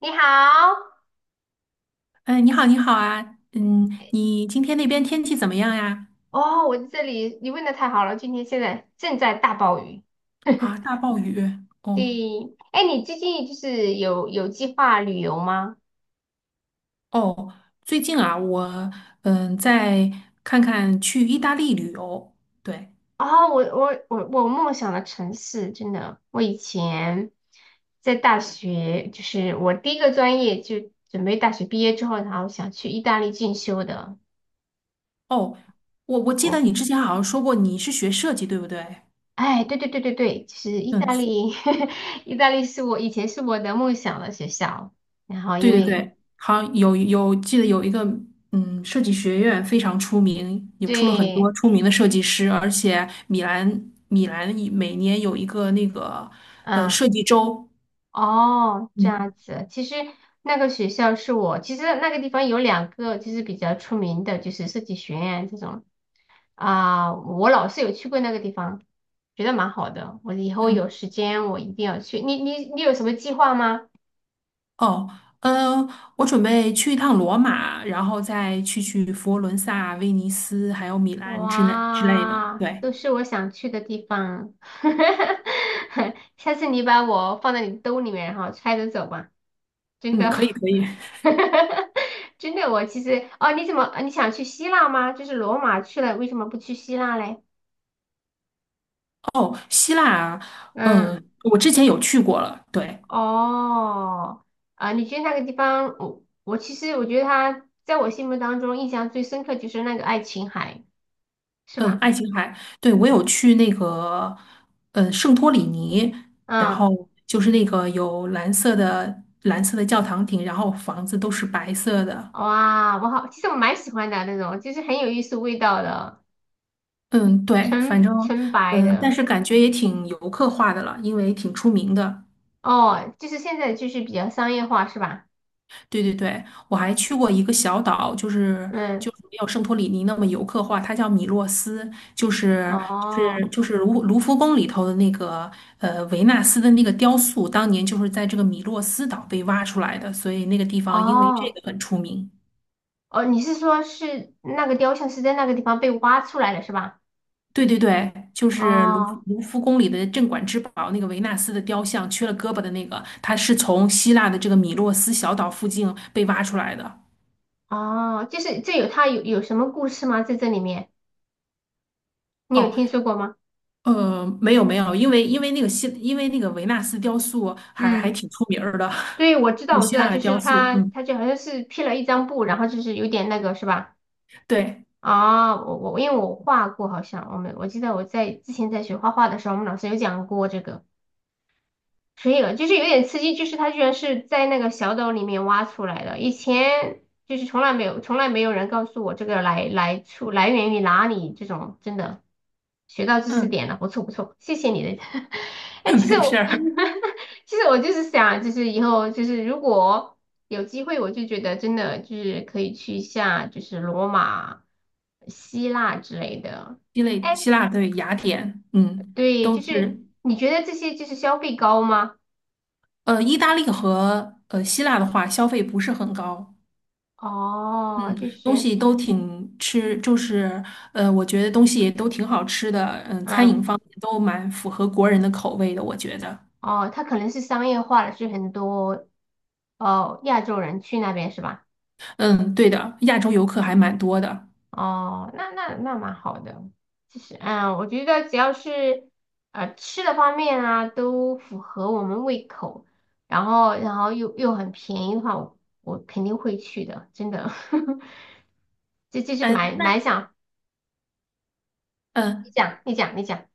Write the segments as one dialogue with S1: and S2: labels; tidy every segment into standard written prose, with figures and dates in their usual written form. S1: 你好，
S2: 嗯，你好，你好啊，你今天那边天气怎么样呀？
S1: 哦，我在这里，你问的太好了，今天现在正在大暴雨。
S2: 啊，大暴雨。
S1: 对，
S2: 哦
S1: 哎，你最近就是有计划旅游吗？
S2: 哦，最近啊，我在看看去意大利旅游，对。
S1: 哦，我梦想的城市，真的，我以前在大学，就是我第一个专业就准备大学毕业之后，然后想去意大利进修的。
S2: 哦，我记得
S1: 我，
S2: 你之前好像说过你是学设计，对不对？
S1: 哎，对对对对对，就是意大
S2: 嗯，
S1: 利，意大利是我以前是我的梦想的学校，然后
S2: 对
S1: 因
S2: 对
S1: 为
S2: 对，好像有记得有一个设计学院非常出名，也出了很多
S1: 对。
S2: 出名的设计师，而且米兰每年有一个那个
S1: 嗯，
S2: 设计周。
S1: 哦，这样
S2: 嗯。
S1: 子。其实那个学校是我，其实那个地方有两个就是比较出名的，就是设计学院这种啊、我老是有去过那个地方，觉得蛮好的。我以后
S2: 嗯
S1: 有时间我一定要去。你有什么计划吗？
S2: 哦，呃，我准备去一趟罗马，然后再去佛罗伦萨、威尼斯，还有米兰之类的。
S1: 哇，
S2: 对，
S1: 都是我想去的地方。下次你把我放在你兜里面，然后揣着走吧，真
S2: 嗯，
S1: 的。
S2: 可 以可以。
S1: 真的，我其实哦，你怎么呃你想去希腊吗？就是罗马去了，为什么不去希腊嘞？
S2: 哦，希腊啊
S1: 嗯，
S2: 我之前有去过了。对，
S1: 哦，啊，你觉得那个地方，我其实我觉得它在我心目当中印象最深刻就是那个爱琴海，是
S2: 嗯，
S1: 吧？
S2: 爱琴海，对，我有去那个，圣托里尼，然
S1: 嗯，
S2: 后就是那个有蓝色的教堂顶，然后房子都是白色的。
S1: 哇，我好，其实我蛮喜欢的那种，就是很有艺术味道的，
S2: 嗯，对，反
S1: 纯
S2: 正
S1: 纯白
S2: 但
S1: 的。
S2: 是感觉也挺游客化的了，因为挺出名的。
S1: 哦，就是现在就是比较商业化，是吧？
S2: 对对对，我还去过一个小岛，就是
S1: 嗯，
S2: 就是没有圣托里尼那么游客化，它叫米洛斯，就是就
S1: 哦
S2: 是就是卢浮宫里头的那个维纳斯的那个雕塑，当年就是在这个米洛斯岛被挖出来的，所以那个地方因为这
S1: 哦。
S2: 个很出名。
S1: 哦，你是说是那个雕像是在那个地方被挖出来的是吧？
S2: 对对对，就是
S1: 哦
S2: 卢浮宫里的镇馆之宝那个维纳斯的雕像，缺了胳膊的那个，它是从希腊的这个米洛斯小岛附近被挖出来的。
S1: 哦，就是这有它有什么故事吗？在这里面，你有
S2: 哦，
S1: 听说过吗？
S2: 没有没有，因为那个因为那个维纳斯雕塑还
S1: 嗯，
S2: 挺出名儿的，
S1: 对，我知 道
S2: 古
S1: 我知
S2: 希
S1: 道，
S2: 腊的
S1: 就是
S2: 雕塑。
S1: 他
S2: 嗯，
S1: 他就好像是披了一张布，然后就是有点那个是吧？
S2: 对，
S1: 啊、我因为我画过，好像我记得我在之前在学画画的时候，我们老师有讲过这个。可以了，就是有点刺激，就是它居然是在那个小岛里面挖出来的，以前就是从来没有人告诉我这个来源于哪里，这种真的学到知识
S2: 嗯，
S1: 点了，不错不错，谢谢你的。哎，其 实
S2: 没事
S1: 我
S2: 儿。
S1: 其实我就是想，就是以后就是如果有机会，我就觉得真的就是可以去一下，就是罗马、希腊之类的。
S2: 希腊
S1: 哎，
S2: 希腊对雅典，嗯，
S1: 对，
S2: 都
S1: 就是
S2: 是。
S1: 你觉得这些就是消费高吗？
S2: 意大利和希腊的话，消费不是很高。嗯，
S1: 哦，就
S2: 东
S1: 是。
S2: 西都挺吃，就是我觉得东西也都挺好吃的。嗯，餐
S1: 嗯，
S2: 饮方面都蛮符合国人的口味的，我觉得。
S1: 哦，它可能是商业化了，是很多哦亚洲人去那边是吧？
S2: 嗯，对的，亚洲游客还蛮多的。
S1: 哦，那蛮好的。其实，嗯，我觉得只要是吃的方面啊，都符合我们胃口，然后又很便宜的话，我肯定会去的，真的。这就是
S2: 嗯，
S1: 蛮
S2: 那
S1: 蛮想，
S2: 嗯，
S1: 你
S2: 呃
S1: 讲，你讲，你讲，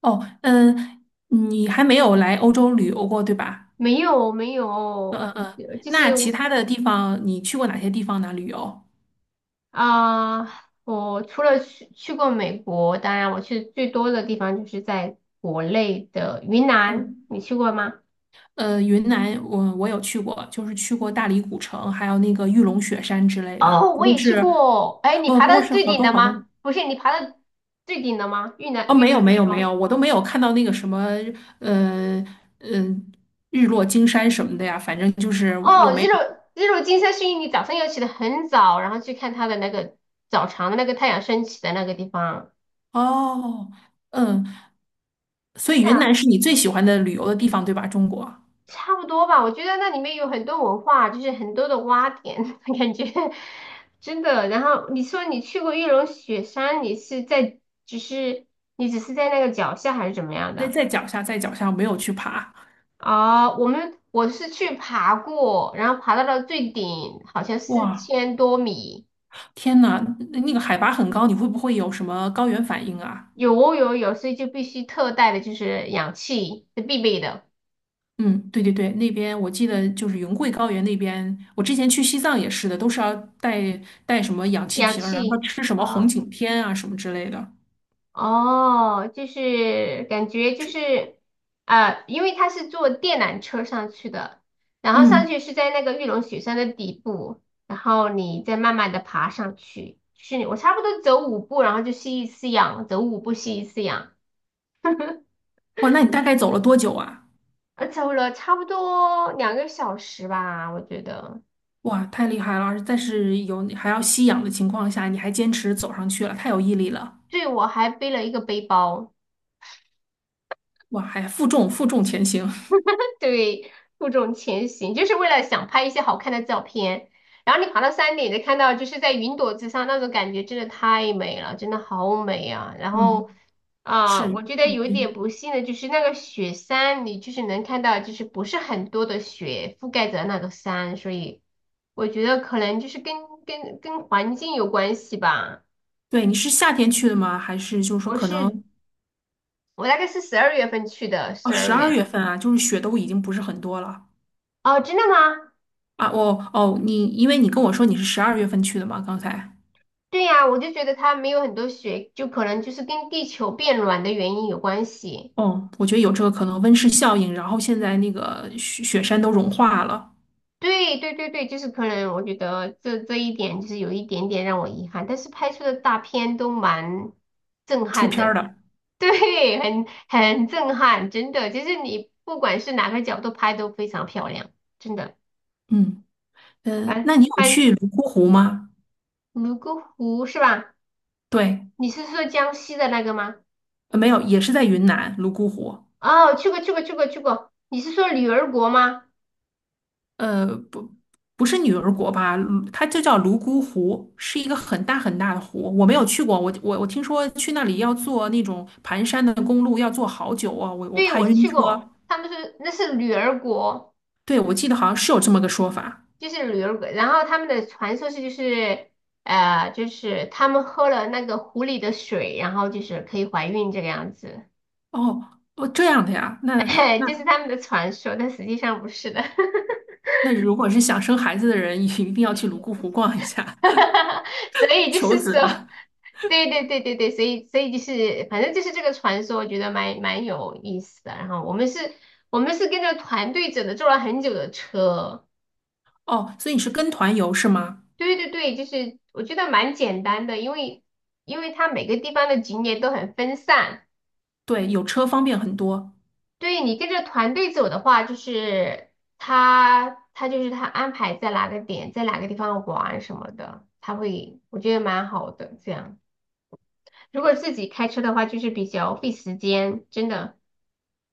S2: 哦，你还没有来欧洲旅游过，对吧？
S1: 没有没有，
S2: 嗯嗯嗯。
S1: 就
S2: 那
S1: 是
S2: 其他的地方你去过哪些地方呢？旅游？
S1: 啊、我除了去过美国，当然我去最多的地方就是在国内的云南，
S2: 嗯，
S1: 你去过吗？
S2: 云南我有去过，就是去过大理古城，还有那个玉龙雪山之类的。
S1: 哦，我也去过。哎，你
S2: 哦，
S1: 爬
S2: 不过
S1: 到
S2: 是
S1: 最
S2: 好
S1: 顶
S2: 多
S1: 了
S2: 好
S1: 吗？
S2: 多。
S1: 不是，你爬到最顶了吗？玉南
S2: 哦，
S1: 玉
S2: 没有
S1: 龙
S2: 没
S1: 雪
S2: 有没
S1: 峰。
S2: 有，我都没有看到那个什么，呃嗯、日落金山什么的呀。反正就是
S1: 哦，
S2: 我没
S1: 日
S2: 有
S1: 落日落金山是因为你早上要起得很早，然后去看它的那个早晨的那个太阳升起的那个地方，
S2: 哦。嗯，所
S1: 真
S2: 以
S1: 的。
S2: 云南是你最喜欢的旅游的地方，对吧？中国。
S1: 差不多吧，我觉得那里面有很多文化，就是很多的挖点，感觉真的。然后你说你去过玉龙雪山，你是在只是你只是在那个脚下还是怎么样的？
S2: 在脚下，在脚下，我没有去爬。
S1: 哦，我是去爬过，然后爬到了最顶，好像四
S2: 哇，
S1: 千多米，
S2: 天呐，那那个海拔很高，你会不会有什么高原反应啊？
S1: 有哦有哦有，所以就必须特带的就是氧气是必备的，
S2: 嗯，对对对，那边我记得就是云贵高原那边，我之前去西藏也是的，都是要带什么氧气
S1: 氧
S2: 瓶儿，然后
S1: 气。
S2: 吃什么红
S1: 啊。
S2: 景天啊什么之类的。
S1: 哦，就是感觉就是，啊，因为他是坐电缆车上去的，然后上
S2: 嗯，
S1: 去是在那个玉龙雪山的底部，然后你再慢慢的爬上去，是我差不多走五步，然后就吸一次氧，走五步吸一次氧，
S2: 哇，那你大概走了多久啊？
S1: 走了差不多2个小时吧，我觉得。
S2: 哇，太厉害了！但是有还要吸氧的情况下，你还坚持走上去了，太有毅力了。
S1: 对，我还背了一个背包。
S2: 哇，还负重负重前行。
S1: 对，负重前行，就是为了想拍一些好看的照片。然后你爬到山顶，就看到就是在云朵之上那种感觉，真的太美了，真的好美啊！然 后
S2: 嗯，
S1: 啊、
S2: 是
S1: 我觉得有一点
S2: 晕。
S1: 不幸的就是那个雪山，你就是能看到就是不是很多的雪覆盖着那个山，所以我觉得可能就是跟环境有关系吧。
S2: 对，你是夏天去的吗？还是就是说
S1: 我
S2: 可能？
S1: 是我大概是12月份去的，
S2: 哦，
S1: 十
S2: 十
S1: 二
S2: 二
S1: 月。
S2: 月份啊，就是雪都已经不是很多了
S1: 哦，真的吗？
S2: 啊。哦哦，你因为你跟我说你是十二月份去的嘛，刚才。
S1: 对呀，我就觉得它没有很多雪，就可能就是跟地球变暖的原因有关系。
S2: 哦，我觉得有这个可能，温室效应，然后现在那个雪山都融化了，
S1: 对对对对，就是可能我觉得这一点就是有一点点让我遗憾，但是拍出的大片都蛮震
S2: 出
S1: 撼
S2: 片儿
S1: 的，
S2: 了。
S1: 对，很震撼，真的，就是你不管是哪个角度拍都非常漂亮，真的。
S2: 嗯
S1: 反
S2: 那你有
S1: 反
S2: 去泸沽湖吗？
S1: 泸沽湖是吧？
S2: 对，
S1: 你是说江西的那个吗？
S2: 没有，也是在云南泸沽湖。
S1: 哦，去过去过去过去过，你是说女儿国吗？
S2: 呃，不，不是女儿国吧？它就叫泸沽湖，是一个很大很大的湖。我没有去过，我听说去那里要坐那种盘山的公路，要坐好久啊，我
S1: 对，
S2: 怕
S1: 我
S2: 晕
S1: 去
S2: 车。
S1: 过，他们说那是女儿国，
S2: 对，我记得好像是有这么个说法。
S1: 就是女儿国。然后他们的传说是就是，就是他们喝了那个湖里的水，然后就是可以怀孕这个样子，
S2: 哦，哦，这样的呀，那
S1: 就是他们的传说，但实际上不是的。
S2: 那,如果是想生孩子的人，一定要去泸沽湖逛一下。
S1: 所 以就
S2: 求
S1: 是
S2: 子
S1: 说，
S2: 的。
S1: 对对对对对，所以就是反正就是这个传说，我觉得蛮有意思的。然后我们是跟着团队走的，坐了很久的车。
S2: 哦，所以你是跟团游是吗？
S1: 对对对，就是我觉得蛮简单的，因为它每个地方的景点都很分散。
S2: 对，有车方便很多。
S1: 对你跟着团队走的话，就是他就是他安排在哪个点，在哪个地方玩什么的，他会我觉得蛮好的。这样如果自己开车的话，就是比较费时间，真的。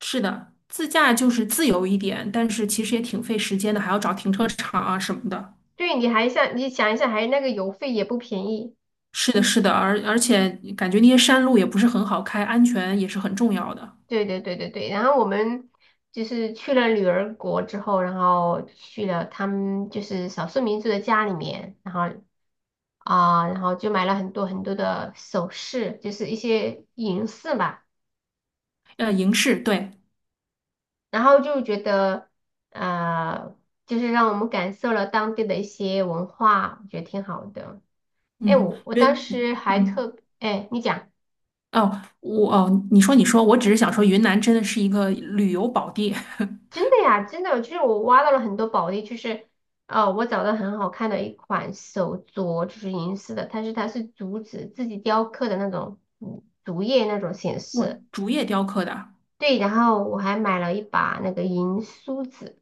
S2: 是的，自驾就是自由一点，但是其实也挺费时间的，还要找停车场啊什么的。
S1: 对，你想一想，还有那个油费也不便宜。
S2: 是的，是的，而且感觉那些山路也不是很好开，安全也是很重要的。
S1: 对对对对对，然后我们就是去了女儿国之后，然后去了他们就是少数民族的家里面，然后就买了很多很多的首饰，就是一些银饰吧，
S2: 营市，对，
S1: 然后就觉得呃，就是让我们感受了当地的一些文化，我觉得挺好的。哎，
S2: 嗯，
S1: 我
S2: 因
S1: 当
S2: 为。
S1: 时还特，哎，你讲。
S2: 哦，你说你说，我只是想说，云南真的是一个旅游宝地。
S1: 真 的呀，真的，就是我挖到了很多宝地，就是我找到很好看的一款手镯，就是银饰的，但是它是竹子自己雕刻的那种，嗯，竹叶那种形
S2: 哇，
S1: 式。
S2: 竹叶雕刻的。
S1: 对，然后我还买了一把那个银梳子。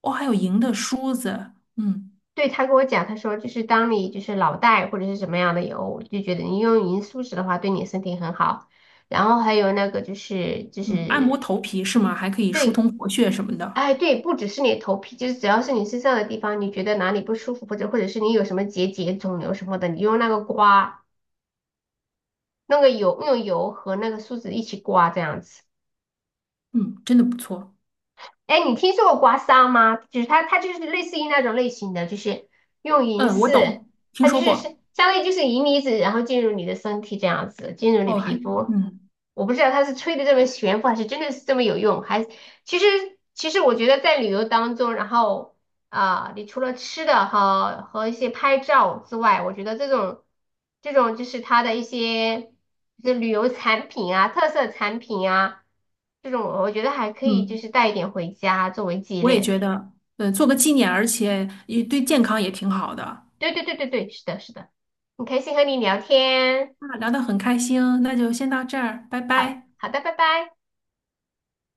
S2: 哦，还有银的梳子。嗯
S1: 对，他跟我讲，他说就是当你就是脑袋或者是什么样的油，就觉得你用银梳子的话对你身体很好。然后还有那个就是就
S2: 嗯，按摩
S1: 是。
S2: 头皮是吗？还可以疏
S1: 对。
S2: 通活血什么的。
S1: 哎，对，不只是你的头皮，就是只要是你身上的地方，你觉得哪里不舒服，或者是你有什么结节、肿瘤什么的，你用那个刮，那个油，用油和那个梳子一起刮，这样子。
S2: 嗯，真的不错。
S1: 哎，你听说过刮痧吗？就是它就是类似于那种类型的，就是用银
S2: 嗯，我
S1: 饰，
S2: 懂，听
S1: 它就
S2: 说
S1: 是是
S2: 过。
S1: 相当于就是银离子，然后进入你的身体这样子，进入你
S2: 哦，
S1: 皮肤。
S2: 嗯
S1: 我不知道它是吹的这么玄乎，还是真的是这么有用，还其实其实我觉得在旅游当中，然后。啊，你除了吃的和一些拍照之外，我觉得这种就是它的一些就是旅游产品啊、特色产品啊，这种我觉得还可以，就
S2: 嗯，
S1: 是带一点回家作为纪
S2: 我也
S1: 念。
S2: 觉得，做个纪念，而且也对健康也挺好的。
S1: 对对对对对，是的，是的，很开心和你聊天。
S2: 那聊得很开心，那就先到这儿，拜
S1: 好
S2: 拜。
S1: 好的，拜拜。